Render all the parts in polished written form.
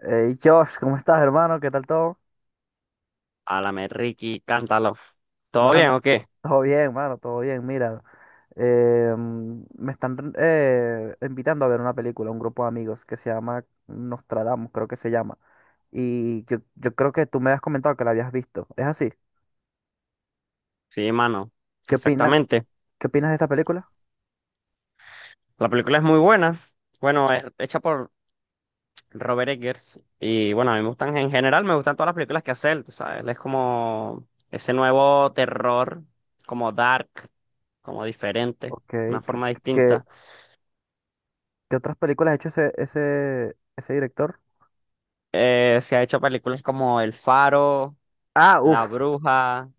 Hey, Josh, ¿cómo estás, hermano? ¿Qué tal todo? Álame, Ricky, cántalo. ¿Todo Mano, bien o qué? todo bien, mano, todo bien. Mira, me están invitando a ver una película, un grupo de amigos que se llama Nostradamus, creo que se llama. Yo creo que tú me has comentado que la habías visto. ¿Es así? Sí, mano. ¿Qué opinas? Exactamente. ¿Qué opinas de esta película? La película es muy buena. Bueno, es hecha por Robert Eggers. Y bueno, a mí me gustan, en general, me gustan todas las películas que hace él, tú ¿sabes? Él es como ese nuevo terror, como dark, como diferente, Ok. una ¿qué, forma qué, qué- distinta. Qué otras películas ha hecho ese director? Se ha hecho películas como El Faro, Ah, La uff, Bruja,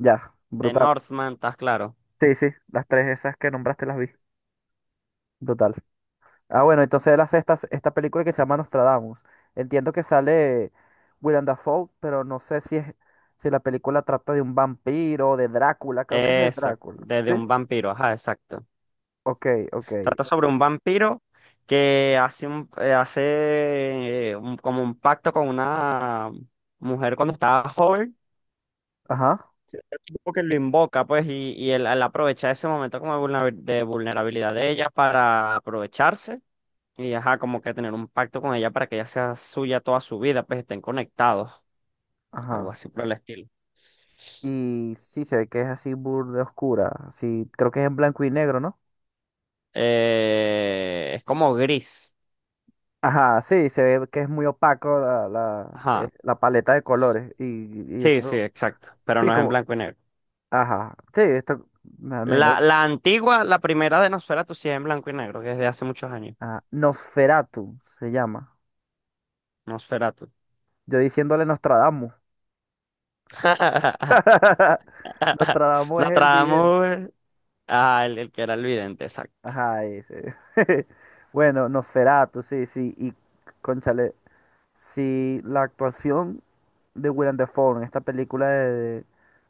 ya, The brutal. Northman, ¿estás claro? Sí, sí, las tres esas que nombraste las vi. Brutal. Ah, bueno, entonces él hace esta película que se llama Nostradamus. Entiendo que sale Willem Dafoe, pero no sé si es, si la película trata de un vampiro, de Drácula, creo que es de Exacto, Drácula. desde ¿Sí? un vampiro, ajá, exacto. Ok, ok. Trata sobre un vampiro que como un pacto con una mujer cuando estaba joven, Ajá, tipo que lo invoca, pues, y él, él aprovecha ese momento como de de vulnerabilidad de ella para aprovecharse y, ajá, como que tener un pacto con ella para que ella sea suya toda su vida, pues estén conectados, algo ajá. así por el estilo. Y sí se ve que es así burda oscura. Sí, creo que es en blanco y negro, ¿no? Es como gris, Ajá, sí, se ve que es muy opaco ajá. la paleta de colores. Y Sí, eso. exacto, pero Sí, no es en como. blanco y negro. Ajá. Sí, esto me imagino. La antigua, la primera de Nosferatu, sí es en blanco y negro, que es de hace muchos años. Ah, Nosferatu se llama. Nosferatu. Yo diciéndole Nostradamus. Nostradamus es el vidente. Nostradamus, ah, el que era el vidente, exacto. Ajá, ese. Bueno, Nosferatu, sí, sí. Y, cónchale, si la actuación de Willem Dafoe en esta película de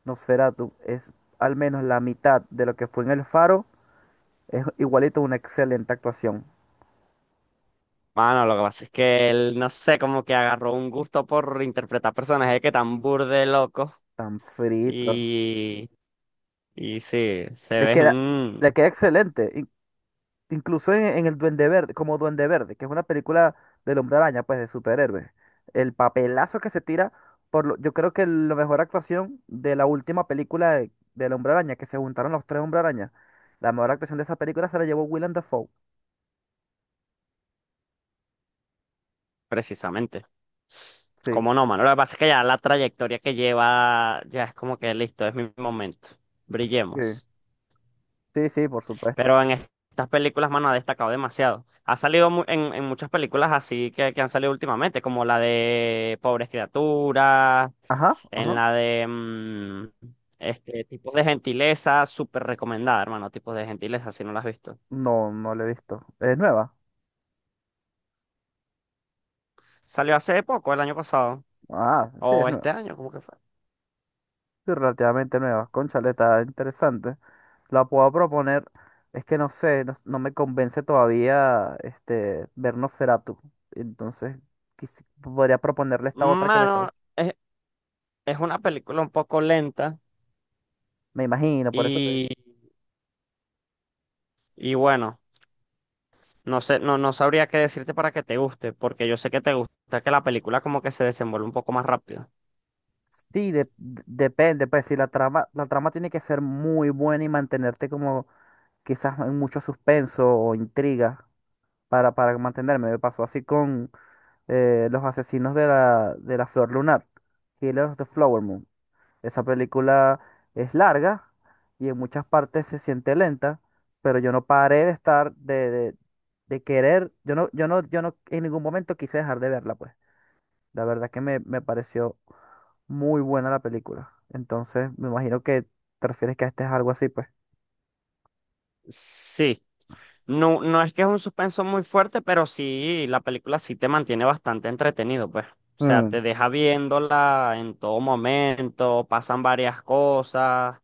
Nosferatu es al menos la mitad de lo que fue en El Faro, es igualito una excelente actuación. Mano, lo que pasa es que él, no sé, como que agarró un gusto por interpretar personajes que tan burde locos Tan frito. y, y sí, se Le queda, le ven queda excelente. Incluso en el Duende Verde, como Duende Verde, que es una película del Hombre Araña, pues de superhéroes. El papelazo que se tira, yo creo que la mejor actuación de la última película de, del Hombre Araña, que se juntaron los tres Hombre Araña, la mejor actuación de esa película se la llevó Willem Dafoe. precisamente. Sí, Como no, mano? Lo que pasa es que ya la trayectoria que lleva, ya es como que listo, es mi momento. sí, Brillemos. sí, sí, por supuesto. Pero en estas películas, mano, ha destacado demasiado. Ha salido en muchas películas así que han salido últimamente, como la de Pobres Criaturas, Ajá, en ajá. la de Tipos de Gentileza, súper recomendada, hermano, Tipos de Gentileza, si no la has visto. No, no la he visto. ¿Es nueva? Salió hace poco, el año pasado, Ah, sí, o es este nueva. año, ¿cómo que fue? Sí, relativamente nueva. Cónchale, está interesante. La puedo proponer. Es que no sé, no, no me convence todavía este, ver Nosferatu. Entonces, podría proponerle esta otra que me está Mano, diciendo. es, es una película un poco lenta Me imagino, por eso te digo. y, y bueno. No sé, no, no sabría qué decirte para que te guste, porque yo sé que te gusta que la película como que se desenvuelve un poco más rápido. Sí, depende, pues si la trama, la trama tiene que ser muy buena y mantenerte como quizás en mucho suspenso o intriga para mantenerme. Me pasó así con los asesinos de la Flor Lunar, Killers of the Flower Moon. Esa película es larga y en muchas partes se siente lenta, pero yo no paré de estar, de querer, yo no en ningún momento quise dejar de verla, pues. La verdad que me pareció muy buena la película. Entonces, me imagino que te refieres que este es algo así, pues. Sí, no, no es que es un suspenso muy fuerte, pero sí, la película sí te mantiene bastante entretenido, pues. O sea, Mm, te deja viéndola en todo momento, pasan varias cosas.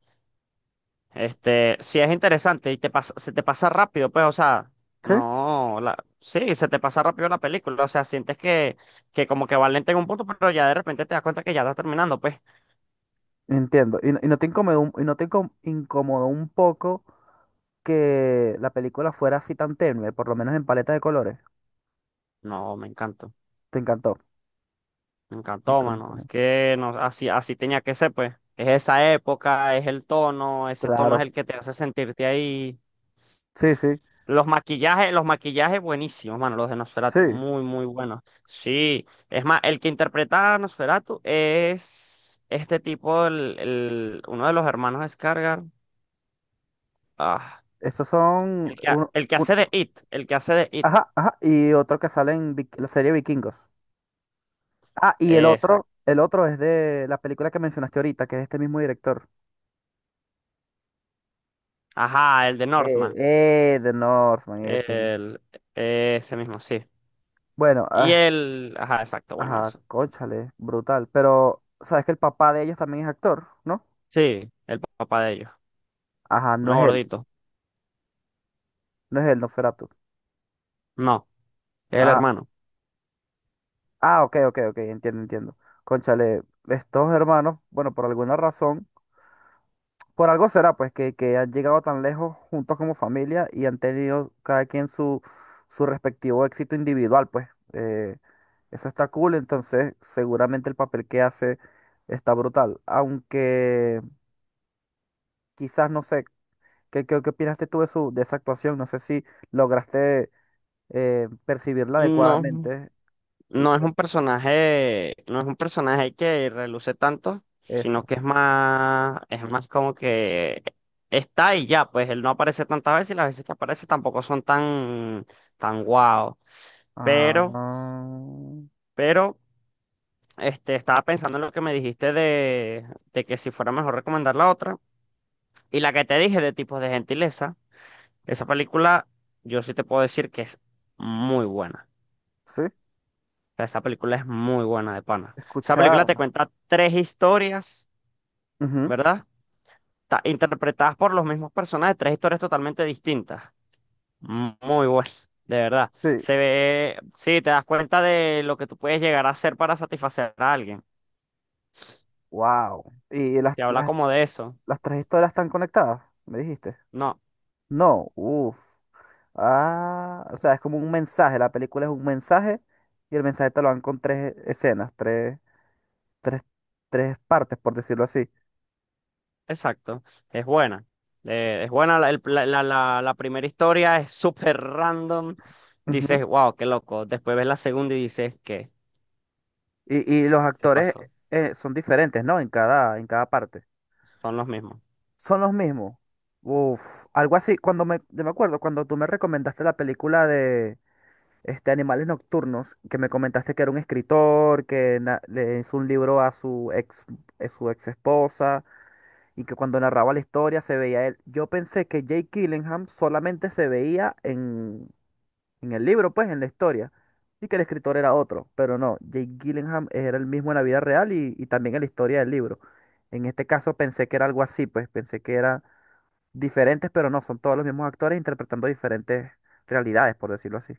Este, sí es interesante y se te pasa rápido, pues, o sea, sí, no, sí, se te pasa rápido la película, o sea, sientes que como que va lenta en un punto, pero ya de repente te das cuenta que ya está terminando, pues. entiendo. Y, y no te incomodó, un- y no te incom- incomodó un poco que la película fuera así tan tenue, por lo menos en paleta de colores. No, Te encantó. me Me encantó, mano. Es encantó. que no, así, así tenía que ser, pues. Es esa época, es el tono, ese tono es Claro. el que te hace sentirte ahí. Sí, sí. Los maquillajes buenísimos, mano, los de Sí, Nosferatu, muy, muy buenos. Sí, es más, el que interpreta a Nosferatu es este tipo, uno de los hermanos Skarsgård. Ah, esos son uno, el que un- hace de It, el que hace de It. ajá, ajá, y otro que sale en la serie Vikingos. Ah, y Exacto. el otro es de la película que mencionaste ahorita, que es este mismo director. Ajá, el de Eh, Northman. The Northman, ese mismo. El, ese mismo, sí. Bueno, Y ah, él, ajá, exacto, bueno, ajá, eso. cónchale, brutal. Pero, ¿sabes que el papá de ellos también es actor, ¿no? Sí, el papá de ellos, Ajá, no no es él, gordito. no es él, Nosferatu. No, es el Ah, hermano. ah, ok, ok, ok, entiendo, entiendo. Cónchale, estos hermanos, bueno, por alguna razón. Por algo será, pues, que han llegado tan lejos juntos como familia y han tenido cada quien su, su respectivo éxito individual, pues. Eso está cool, entonces seguramente el papel que hace está brutal. Aunque quizás, no sé, ¿qué opinaste tú de, su, de esa actuación? No sé si lograste percibirla No, adecuadamente. no es un personaje, no es un personaje que reluce tanto, sino Eso. que es más como que está y ya, pues él no aparece tantas veces y las veces que aparece tampoco son tan, tan guau. Pero, Ah, pero, este, estaba pensando en lo que me dijiste de que si fuera mejor recomendar la otra. Y la que te dije de Tipos de Gentileza. Esa película, yo sí te puedo decir que es muy buena. sí, O sea, esa película es muy buena de pana. Esa película escuchar. te cuenta tres historias, Ujú, ¿verdad? Interpretadas por los mismos personajes, tres historias totalmente distintas. Muy buena, de verdad. sí, Se ve, sí, te das cuenta de lo que tú puedes llegar a hacer para satisfacer a alguien. wow. Y las, Te habla las como de eso. las tres historias están conectadas, me dijiste. No, No, uff. Ah, o sea, es como un mensaje. La película es un mensaje y el mensaje te lo dan con tres escenas, tres, tres partes, por decirlo así. exacto, es buena. Es buena, la, el- la- la- la- la primera historia es súper random. Ujú. Dices, wow, qué loco. Después ves la segunda y dices, ¿qué? Y los ¿Qué actores pasó? Son diferentes, ¿no? En cada parte. Son los mismos. Son los mismos. Uf, algo así. Cuando me, yo me acuerdo, cuando tú me recomendaste la película de este, Animales Nocturnos, que me comentaste que era un escritor, le hizo un libro a su ex esposa y que cuando narraba la historia se veía él. Yo pensé que Jake Gyllenhaal solamente se veía en el libro, pues, en la historia, y que el escritor era otro, pero no, Jake Gyllenhaal era el mismo en la vida real y también en la historia del libro. En este caso pensé que era algo así, pues, pensé que eran diferentes, pero no, son todos los mismos actores interpretando diferentes realidades, por decirlo así.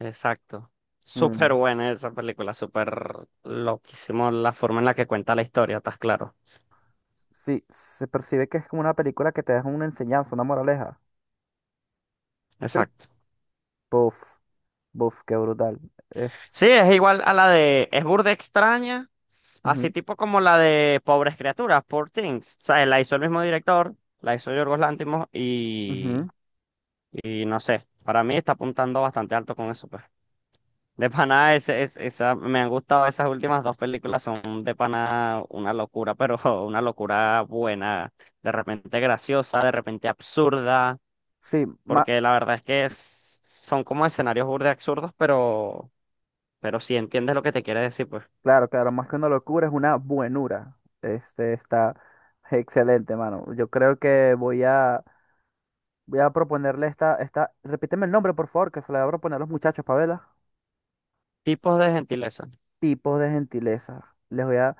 Exacto. Súper Mm, buena esa película, súper loquísimo la forma en la que cuenta la historia, estás claro. sí, se percibe que es como una película que te deja una enseñanza, una moraleja. Sí. Exacto. Buf, buf, qué brutal. Es. Sí, es igual a la de, es burda extraña, así Ujú, tipo como la de Pobres Criaturas, Poor Things. O la hizo el mismo director, la hizo Yorgos Lanthimos ujú. y. Y no sé, para mí está apuntando bastante alto con eso, pues. De pana, ese, es, esa, me han gustado esas últimas dos películas, son de pana una locura, pero una locura buena, de repente graciosa, de repente absurda, Sí, porque la verdad es que son como escenarios burde absurdos, pero sí entiendes lo que te quiere decir, pues. claro, claro, más que una locura es una buenura. Este está excelente, mano. Yo creo que voy a proponerle esta repíteme el nombre, por favor, que se le voy a proponer a los muchachos, Pavela. Tipos de gentileza. Tipos de gentileza. Les voy a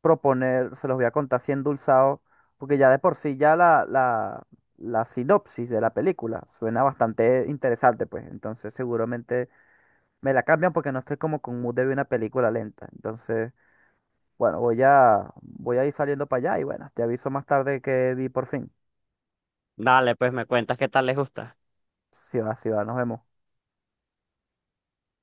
proponer, se los voy a contar así endulzado, porque ya de por sí ya la sinopsis de la película suena bastante interesante, pues. Entonces, seguramente me la cambian porque no estoy como con mood de ver una película lenta. Entonces, bueno, voy a ir saliendo para allá y bueno, te aviso más tarde que vi por fin. Dale, pues me cuentas qué tal les gusta. Si va, si va, nos vemos.